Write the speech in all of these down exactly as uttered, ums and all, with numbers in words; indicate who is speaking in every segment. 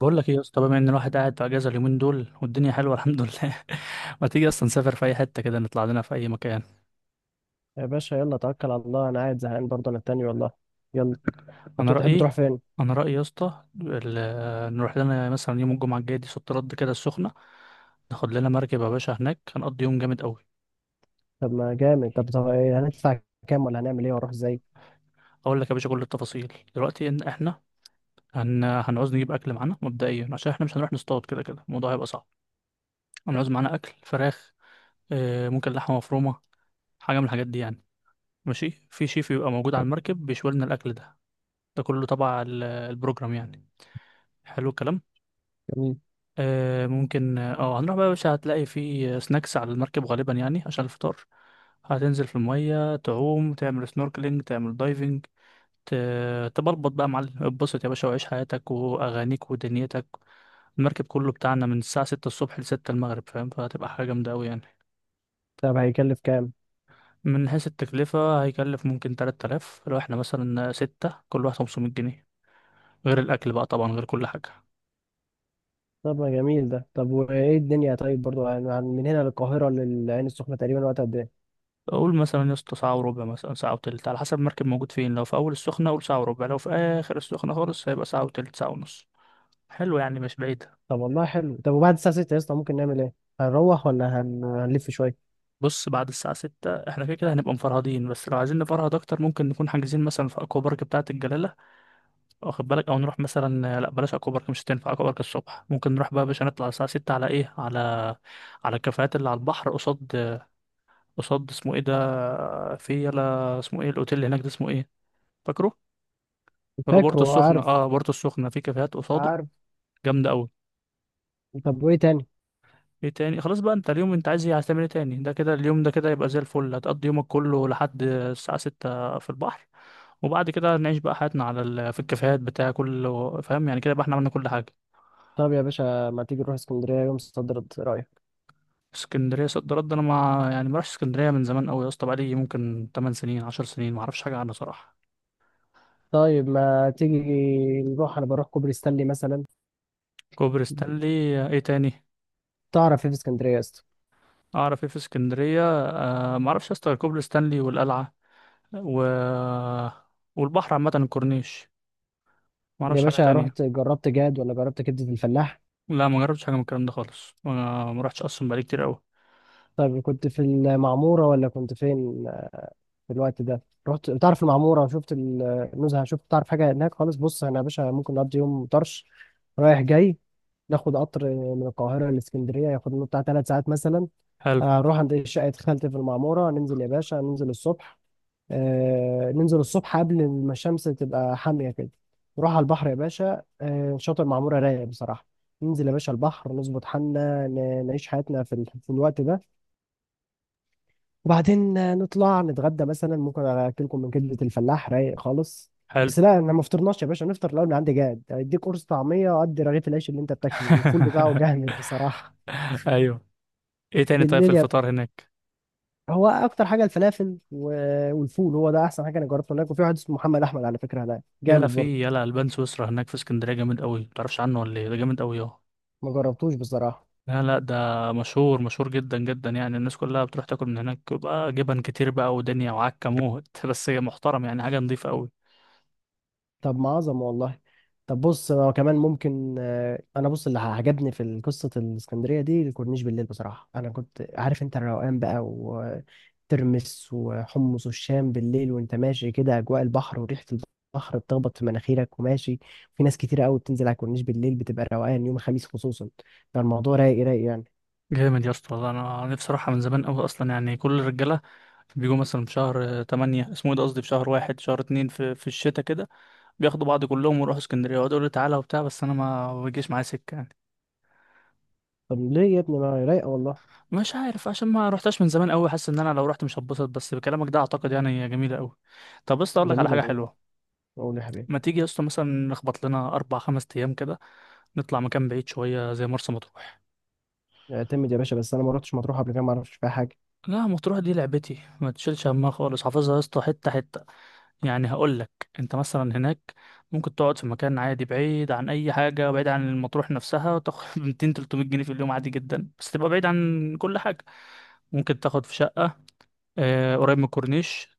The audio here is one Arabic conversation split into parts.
Speaker 1: بقول لك ايه يا اسطى؟ بما ان الواحد قاعد في اجازه اليومين دول والدنيا حلوه الحمد لله. ما تيجي اصلا نسافر في اي حته كده، نطلع لنا في اي مكان؟
Speaker 2: يا باشا يلا توكل على الله. انا قاعد زهقان برضه، انا التاني والله. يلا.
Speaker 1: انا
Speaker 2: هتو- تحب
Speaker 1: رايي
Speaker 2: تروح فين؟
Speaker 1: انا رايي يا اسطى، ال- آه، نروح لنا مثلا يوم الجمعه الجاي دي، صد رد كده، السخنه. ناخد لنا مركب يا باشا، هناك هنقضي يوم جامد قوي.
Speaker 2: طب ما جامد. طب طب إيه، هندفع كام ولا هنعمل ايه واروح ازاي؟
Speaker 1: اقول لك يا باشا كل التفاصيل دلوقتي. ان احنا هن... هنعوز نجيب اكل معانا مبدئيا، عشان احنا مش هنروح نصطاد، كده كده الموضوع هيبقى صعب. هنعوز معانا اكل، فراخ، آه، ممكن لحمه مفرومه، حاجه من الحاجات دي يعني. ماشي، في شيف يبقى موجود على المركب بيشوي لنا الاكل ده، ده كله تبع ال- البروجرام يعني. حلو الكلام.
Speaker 2: جميل.
Speaker 1: آه ممكن، اه آه، هنروح بقى يا باشا. هتلاقي في سناكس على المركب غالبا يعني عشان الفطار. هتنزل في المية، تعوم، تعمل سنوركلينج، تعمل دايفنج، ت- تبلبط بقى يا معلم. اتبسط يا باشا وعيش حياتك وأغانيك ودنيتك. المركب كله بتاعنا من الساعة ستة الصبح لستة المغرب، فاهم؟ فهتبقى حاجة جامدة أوي يعني.
Speaker 2: طب هيكلف كام؟
Speaker 1: من حيث التكلفة، هيكلف ممكن تلات آلاف. لو احنا مثلا ستة، كل واحد خمسمية جنيه، غير الأكل بقى طبعا، غير كل حاجة.
Speaker 2: طب ما جميل ده. طب وايه الدنيا؟ طيب برضه يعني عن- من هنا للقاهره للعين السخنه تقريبا وقت قد ايه؟
Speaker 1: اقول مثلا يا اسطى ساعه وربع، مثلا ساعه وتلت، على حسب المركب موجود فين. لو في اول السخنه اقول ساعه وربع، لو في اخر السخنه خالص هيبقى ساعه وتلت، ساعه ونص. حلو، يعني مش بعيده.
Speaker 2: طب والله حلو. طب وبعد الساعه ستة يا اسطى ممكن نعمل ايه؟ هنروح ولا هن... هنلف شويه؟
Speaker 1: بص، بعد الساعه ستة احنا كده كده هنبقى مفرهدين. بس لو عايزين نفرهد اكتر، ممكن نكون حاجزين مثلا في اكوا بارك بتاعه الجلاله، واخد بالك؟ او نروح مثلا، لا بلاش اكوا بارك، مش هتنفع اكوا بارك الصبح. ممكن نروح بقى يا باشا، نطلع الساعه ستة على ايه، على على الكافيهات اللي على البحر، قصاد قصاد اسمه ايه ده، في يلا اسمه ايه الاوتيل اللي هناك ده اسمه ايه، فاكره؟ هو بورتو
Speaker 2: فاكره.
Speaker 1: السخنة.
Speaker 2: عارف.
Speaker 1: اه، بورتو السخنة، في كافيهات قصاده
Speaker 2: عارف.
Speaker 1: جامدة أوي.
Speaker 2: طب وايه تاني؟
Speaker 1: ايه تاني؟ خلاص بقى، انت اليوم انت عايز ايه؟ عايز تعمل ايه تاني؟ ده كده اليوم ده كده يبقى زي الفل. هتقضي يومك كله لحد الساعة ستة في البحر، وبعد كده نعيش بقى حياتنا على ال... في الكافيهات بتاع كل، فاهم؟ يعني كده بقى احنا عملنا كل حاجة.
Speaker 2: طب يا باشا ما تيجي نروح اسكندريه يوم صدرت، ايه رايك؟
Speaker 1: اسكندرية، صد رد، انا ما يعني ما رحتش اسكندرية من زمان أوي يا اسطى، بقالي ممكن تمن سنين عشر سنين، ما اعرفش حاجة عنها صراحة.
Speaker 2: طيب ما تيجي نروح. انا بروح كوبري ستانلي مثلا.
Speaker 1: كوبري ستانلي؟ ايه تاني؟
Speaker 2: تعرف ايه في اسكندريه يا اسطى؟
Speaker 1: اعرف ايه في اسكندرية؟ أه، ما اعرفش يا اسطى غير كوبري ستانلي والقلعة، و... والبحر عامة، الكورنيش. ما
Speaker 2: يا
Speaker 1: اعرفش حاجة
Speaker 2: باشا رحت
Speaker 1: تانية.
Speaker 2: جربت جاد ولا جربت كبده الفلاح؟
Speaker 1: لا، ما جربتش حاجه من الكلام ده خالص، ما ما رحتش اصلا، بقالي كتير قوي.
Speaker 2: طيب كنت في المعموره ولا كنت فين في الوقت ده؟ رحت تعرف المعموره؟ شفت النزهه؟ شفت، تعرف حاجه هناك خالص؟ بص انا يا باشا ممكن نقضي يوم طرش رايح جاي. ناخد قطر من القاهره لاسكندريه ياخد لنا بتاع ثلاث ساعات مثلا.
Speaker 1: حلو،
Speaker 2: اروح عند شقه خالتي في المعموره. ننزل يا باشا، ننزل الصبح. آه، ننزل الصبح قبل ما الشمس تبقى حامية كده. نروح على البحر يا باشا. آه، شاطئ معمورة رايق بصراحة. ننزل يا باشا البحر نظبط حالنا، ن- نعيش حياتنا في ال- في الوقت ده. وبعدين آه، نطلع نتغدى مثلا. ممكن أكلكم من كبدة الفلاح رايق خالص.
Speaker 1: حلو.
Speaker 2: بس لا، انا ما فطرناش يا باشا. نفطر الاول من عندي جاد، اديك قرص طعميه وقد رغيف العيش اللي انت بتاكله، والفول بتاعه جامد بصراحه.
Speaker 1: ايوه. ايه تاني طيب في
Speaker 2: بالليل يا...
Speaker 1: الفطار هناك؟
Speaker 2: هو اكتر حاجه الفلافل و- والفول. هو ده احسن حاجه انا جربته هناك. وفي واحد اسمه محمد احمد على فكره هناك
Speaker 1: يلا
Speaker 2: جامد برضه.
Speaker 1: في يلا البان سويسرا هناك في اسكندريه جامد قوي، متعرفش عنه ولا ايه؟ ده جامد قوي، اه.
Speaker 2: ما جربتوش بصراحة.
Speaker 1: لا لا، ده مشهور مشهور جدا جدا يعني. الناس كلها بتروح تاكل من هناك، بقى جبن كتير بقى ودنيا وعكه موت. بس هي محترم يعني، حاجه نظيفه قوي.
Speaker 2: طب ما عظمة والله. طب بص هو كمان ممكن. آه، انا بص، اللي عجبني في قصة الاسكندرية دي الكورنيش بالليل بصراحة. انا كنت عارف انت الروقان بقى، وترمس وحمص والشام بالليل، وانت ماشي كده اجواء البحر وريحة البحر بتخبط في مناخيرك وماشي. في ناس كتيرة قوي بتنزل على الكورنيش بالليل، بتبقى روقان يوم الخميس خصوصا. فالموضوع رايق رايق يعني.
Speaker 1: جامد يا اسطى والله، انا نفسي اروحها من زمان قوي اصلا يعني. كل الرجاله بيجوا مثلا في شهر تمانية، اسمه ايه ده، قصدي في شهر واحد، شهر اتنين، في في الشتاء كده. بياخدوا بعض كلهم ويروحوا اسكندريه ويقعدوا يقولوا لي تعالى وبتاع، بس انا ما بيجيش معايا سكه يعني.
Speaker 2: طب ليه يا ابني؟ ما هي رايقة والله.
Speaker 1: مش عارف، عشان ما رحتش من زمان قوي، حاسس ان انا لو رحت مش هتبسط، بس بكلامك ده اعتقد يعني هي جميله قوي. طب بس اقول لك على
Speaker 2: جميلة
Speaker 1: حاجه
Speaker 2: جميلة.
Speaker 1: حلوه.
Speaker 2: قول يا حبيبي.
Speaker 1: ما تيجي يا اسطى مثلا نخبط لنا اربع خمس ايام كده، نطلع مكان بعيد شويه زي مرسى مطروح؟
Speaker 2: اعتمد يا باشا. بس انا ما رحتش مطروح قبل كده ما اعرفش فيها حاجة.
Speaker 1: لا، مطروح دي لعبتي، ما تشيلش همها خالص، حافظها يا اسطى حته حته يعني. هقول لك، انت مثلا هناك ممكن تقعد في مكان عادي بعيد عن اي حاجه، بعيد عن المطروح نفسها، وتاخد ميتين تلتمية جنيه في اليوم عادي جدا، بس تبقى بعيد عن كل حاجه. ممكن تاخد في شقة آه، قريب من الكورنيش،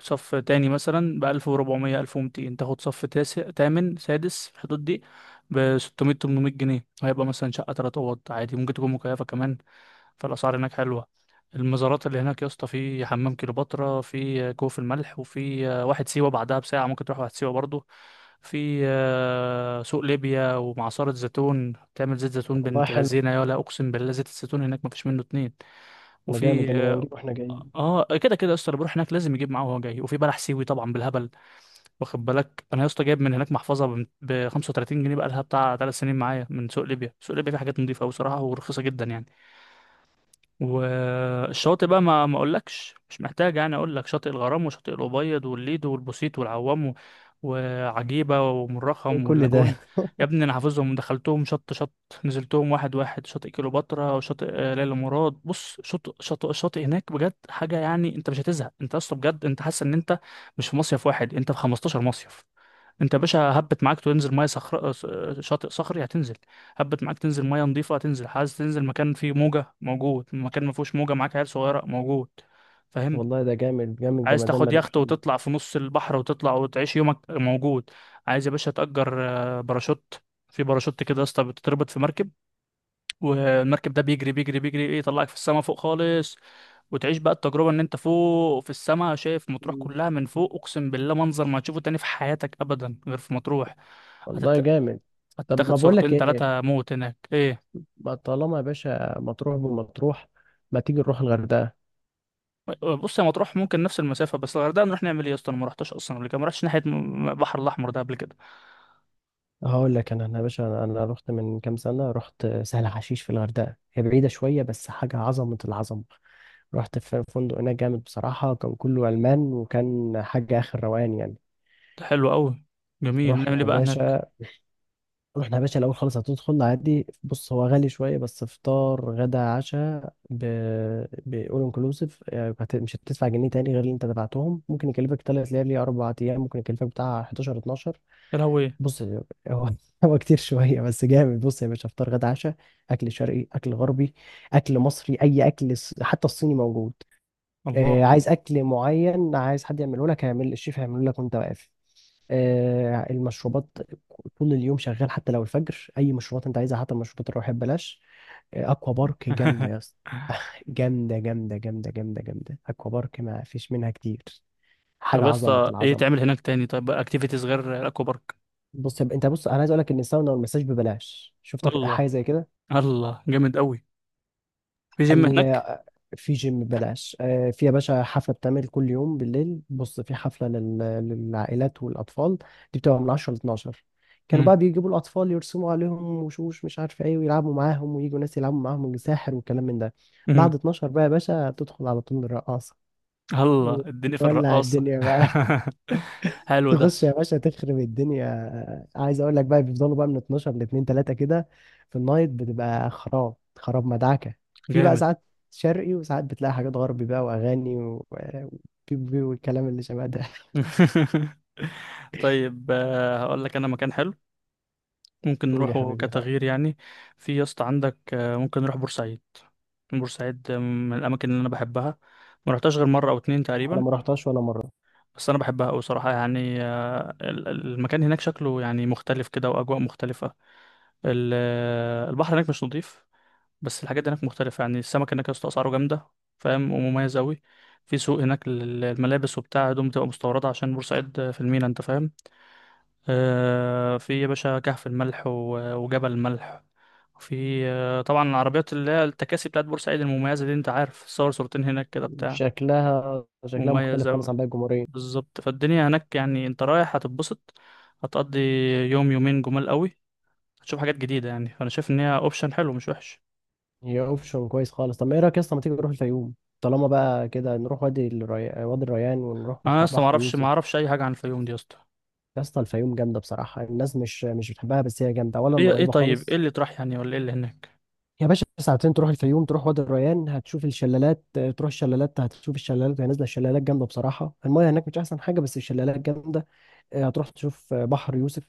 Speaker 1: صف تاني مثلا، بألف وربعمية، ألف ومتين، تاخد صف تاسع تامن سادس في الحدود دي بستمية تمنمية جنيه. هيبقى مثلا شقة تلات أوض عادي، ممكن تكون مكيفة كمان. فالأسعار هناك حلوة. المزارات اللي هناك يا اسطى، في حمام كليوباترا، في كوف الملح، وفي آه، واحد سيوة، بعدها بساعة ممكن تروح واحد سيوة برضه. في آه، سوق ليبيا، ومعصرة زيتون تعمل زيت زيتون
Speaker 2: والله
Speaker 1: بنت
Speaker 2: حلو.
Speaker 1: لذينة، يا لا أقسم بالله زيت الزيتون هناك مفيش منه اتنين.
Speaker 2: ما جامد ده.
Speaker 1: وفي
Speaker 2: نبقى
Speaker 1: آه،
Speaker 2: نجيب واحنا جايين.
Speaker 1: اه كده كده يا اسطى، اللي بيروح هناك لازم يجيب معاه وهو جاي، وفي بلح سيوي طبعا بالهبل. واخد بالك؟ انا يا اسطى جايب من هناك محفظه ب خمسة وتلاتين جنيه، بقى لها بتاع ثلاث سنين معايا، من سوق ليبيا. سوق ليبيا فيه حاجات نظيفه قوي صراحه ورخيصه جدا يعني. والشاطئ بقى، ما ما اقولكش، مش محتاج يعني. اقول لك، شاطئ الغرام وشاطئ الأبيض والليدو والبوسيت والعوام و- وعجيبة
Speaker 2: ايه
Speaker 1: ومرخم
Speaker 2: كل ده؟
Speaker 1: واللاجون. يا ابني انا حافظهم، دخلتهم شط شط، نزلتهم واحد واحد. شاطئ كليوباترا وشاطئ آه، ليلى مراد. بص، شاطئ شاطئ الشاطئ هناك بجد حاجة يعني، انت مش هتزهق، انت اصلا بجد انت حاسس ان انت مش في مصيف واحد، انت في خمستاشر مصيف. انت يا باشا هبت معاك تنزل ميه صخر، آه، شاطئ صخري هتنزل. هبت معاك تنزل ميه نظيفه، هتنزل. عايز تنزل مكان فيه موجه، موجود. مكان ما فيهوش موجه معاك عيال صغيره، موجود. فاهم؟
Speaker 2: والله ده جامد جامد
Speaker 1: عايز
Speaker 2: جمدان
Speaker 1: تاخد
Speaker 2: ملوش
Speaker 1: يخت
Speaker 2: حل.
Speaker 1: وتطلع في نص البحر وتطلع وتعيش يومك، موجود. عايز يا باشا تأجر آه، باراشوت، في باراشوت كده يا اسطى بتتربط في مركب، والمركب ده بيجري بيجري بيجري ايه، يطلعك في السما فوق خالص. وتعيش بقى التجربة ان انت فوق في السما شايف مطروح
Speaker 2: مم.
Speaker 1: كلها من فوق، اقسم بالله منظر ما تشوفه تاني في حياتك ابدا غير في مطروح.
Speaker 2: والله
Speaker 1: هتت...
Speaker 2: جامد. طب ما
Speaker 1: هتاخد
Speaker 2: بقول لك
Speaker 1: صورتين
Speaker 2: ايه.
Speaker 1: تلاتة موت هناك، ايه.
Speaker 2: ما طالما يا باشا مطروح بمطروح، ما تيجي نروح الغردقه؟
Speaker 1: بص، يا مطروح، ممكن نفس المسافة، بس الغردقة نروح نعمل ايه يا اسطى؟ انا ما رحتش اصلا قبل كده، ما رحتش ناحية م- البحر الاحمر ده قبل كده.
Speaker 2: هقول لك. انا أنا يا باشا انا أنا رحت من كام سنه. رحت سهل حشيش في الغردقه، هي بعيده شويه بس حاجه عظمه العظمه. رحت في فندق هناك جامد بصراحه، كان كله المان، وكان حاجه اخر روقان يعني.
Speaker 1: ده حلو قوي، جميل، نعمل
Speaker 2: رحنا يا
Speaker 1: ايه بقى هناك؟
Speaker 2: باشا. رحنا يا باشا الاول خالص. هتدخل عادي. بص هو غالي شويه بس فطار غدا عشاء ب... بأول انكلوسيف. مش هتدفع جنيه تاني غير اللي انت دفعتهم. ممكن يكلفك تلات ليالي اربع ايام، ممكن يكلفك بتاع حداشر اتناشر.
Speaker 1: يا لهوي.
Speaker 2: بص هو هو كتير شويه بس جامد. بص يا باشا، فطار غدا عشاء. اكل شرقي اكل غربي. اكل مصري، اي اكل ص- حتى الصيني موجود. آه،
Speaker 1: الله.
Speaker 2: عايز اكل معين، عايز حد يعمله لك، هيعمل الشيف هيعمله لك وانت واقف. آه، المشروبات طول اليوم شغال، حتى لو الفجر اي مشروبات انت عايزها، حتى المشروبات الروحيه ببلاش. آه، اكوا بارك جامده يا اسطى. جامده جامده جامده جامده جامده. اكوا بارك ما فيش منها كتير. حاجه
Speaker 1: طب يا
Speaker 2: عظمه
Speaker 1: اسطى ايه
Speaker 2: العظمه.
Speaker 1: تعمل هناك تاني، طيب اكتيفيتيز غير الاكوا بارك؟
Speaker 2: بص يا ب- انت بص. انا عايز اقول لك ان الساونا والمساج ببلاش. شفتك حاجه
Speaker 1: الله.
Speaker 2: زي
Speaker 1: الله جامد قوي. في جيم هناك؟
Speaker 2: كده؟ في جيم ببلاش. آه، في يا باشا حفلة بتعمل كل يوم بالليل. بص في حفلة لل- للعائلات والأطفال. دي بتبقى من عشرة ل اتناشر. كانوا
Speaker 1: امم.
Speaker 2: بقى بيجيبوا الأطفال يرسموا عليهم وشوش مش عارف إيه، ويلعبوا معاهم، ويجوا ناس يلعبوا معاهم، وساحر، والكلام من ده.
Speaker 1: امم.
Speaker 2: بعد اتناشر بقى يا باشا تدخل على طول الرقاصة.
Speaker 1: الله، اديني في
Speaker 2: ولع
Speaker 1: الرقاصة.
Speaker 2: الدنيا بقى.
Speaker 1: حلو ده،
Speaker 2: تخش يا باشا تخرب الدنيا. عايز اقول لك بقى، بيفضلوا بقى من اتناشر ل اتنين تلاتة كده. في النايت بتبقى خراب خراب مدعكه. في بقى
Speaker 1: جامد.
Speaker 2: ساعات شرقي، وساعات بتلاقي حاجات غربي بقى، واغاني و- وبيب بيب والكلام اللي شبه ده.
Speaker 1: طيب، آه، هقول لك انا مكان حلو ممكن
Speaker 2: قول يا
Speaker 1: نروحه
Speaker 2: حبيبي رفاق.
Speaker 1: كتغيير يعني. في يا اسطى عندك، آه، ممكن نروح بورسعيد. بورسعيد، آه، من الاماكن اللي انا بحبها. ما رحتهاش غير مره او اتنين
Speaker 2: انا
Speaker 1: تقريبا،
Speaker 2: ما رحتهاش ولا مره.
Speaker 1: بس انا بحبها قوي صراحه يعني. آه، ال- ال- المكان هناك شكله يعني مختلف كده، واجواء مختلفه. ال- آه، البحر هناك مش نظيف، بس الحاجات دي هناك مختلفة يعني. السمك هناك يا اسطى أسعاره جامدة، فاهم، ومميز أوي. في سوق هناك للملابس وبتاع، هدوم بتبقى مستوردة عشان بورسعيد في المينا، أنت فاهم. آه، في يا باشا كهف الملح و- وجبل الملح. وفي آه، طبعا، العربيات اللي هي التكاسي بتاعت بورسعيد المميزة دي، أنت عارف، صور صورتين هناك كده بتاع،
Speaker 2: شكلها شكلها
Speaker 1: مميز
Speaker 2: مختلف خالص
Speaker 1: أوي.
Speaker 2: عن باقي الجمهوريه.
Speaker 1: بالظبط. فالدنيا هناك يعني أنت رايح هتتبسط، هتقضي يوم يومين جمال أوي، هتشوف حاجات جديدة يعني. فأنا شايف إن هي أوبشن حلو، مش وحش.
Speaker 2: هي اوبشن كويس خالص. طب ما ايه رايك يا اسطى؟ ما تيجي نروح الفيوم؟ طالما بقى كده، نروح وادي الري... وادي الريان، ونروح
Speaker 1: أنا
Speaker 2: بح-
Speaker 1: أصلا
Speaker 2: بحر
Speaker 1: معرفش
Speaker 2: يوسف.
Speaker 1: معرفش أي حاجة عن الفيوم دي يا اسطى.
Speaker 2: يا اسطى الفيوم جامده بصراحه. الناس مش مش بتحبها بس هي جامده، اولا
Speaker 1: ايه ايه؟
Speaker 2: قريبه
Speaker 1: طيب ايه
Speaker 2: خالص.
Speaker 1: اللي طرح يعني، ولا ايه اللي هناك؟
Speaker 2: يا باشا ساعتين تروح الفيوم. تروح وادي الريان هتشوف الشلالات. آه، تروح الشلالات هتشوف الشلالات وهي نازله. الشلالات جامده بصراحه. المايه هناك مش احسن حاجه بس الشلالات جامده. آه، هتروح تشوف آه، بحر يوسف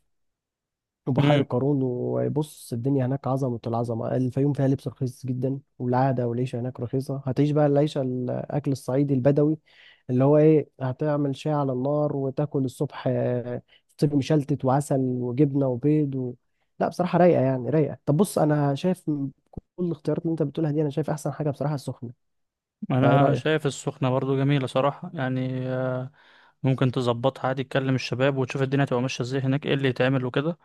Speaker 2: وبحيرة
Speaker 1: امم
Speaker 2: قارون. وبص الدنيا هناك عظمة العظمة. الفيوم فيها لبس رخيص جدا، والعادة والعيشة هناك رخيصة. هتعيش بقى العيشة، الأكل الصعيدي البدوي، اللي هو إيه، هتعمل شاي على النار وتاكل الصبح آه، فطير مشلتت وعسل وجبنة وبيض و... لا بصراحة رايقة يعني رايقة. طب بص، أنا شايف من كل الاختيارات اللي أنت بتقولها دي، أنا شايف أحسن حاجة بصراحة السخنة. فإيه
Speaker 1: انا
Speaker 2: رأيك؟
Speaker 1: شايف السخنه برضو جميله صراحه يعني. آه، ممكن تظبطها عادي، تكلم الشباب وتشوف الدنيا تبقى ماشيه ازاي هناك، ايه اللي يتعمل وكده.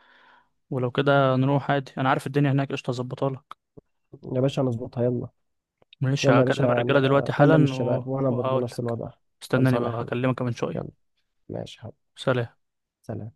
Speaker 1: ولو كده، نروح عادي، انا عارف الدنيا هناك قشطه، اظبطها لك.
Speaker 2: يا باشا نظبطها يلا.
Speaker 1: ماشي،
Speaker 2: يلا يا
Speaker 1: هكلم
Speaker 2: باشا،
Speaker 1: الرجاله
Speaker 2: أنا
Speaker 1: دلوقتي
Speaker 2: أكلم
Speaker 1: حالا، و...
Speaker 2: الشباب وأنا برضه
Speaker 1: وهقول
Speaker 2: نفس
Speaker 1: لك.
Speaker 2: الوضع.
Speaker 1: استناني
Speaker 2: خلصانة يا
Speaker 1: بقى،
Speaker 2: حبيبي.
Speaker 1: هكلمك كمان شويه.
Speaker 2: يلا. ماشي يا حبيبي.
Speaker 1: سلام.
Speaker 2: سلام.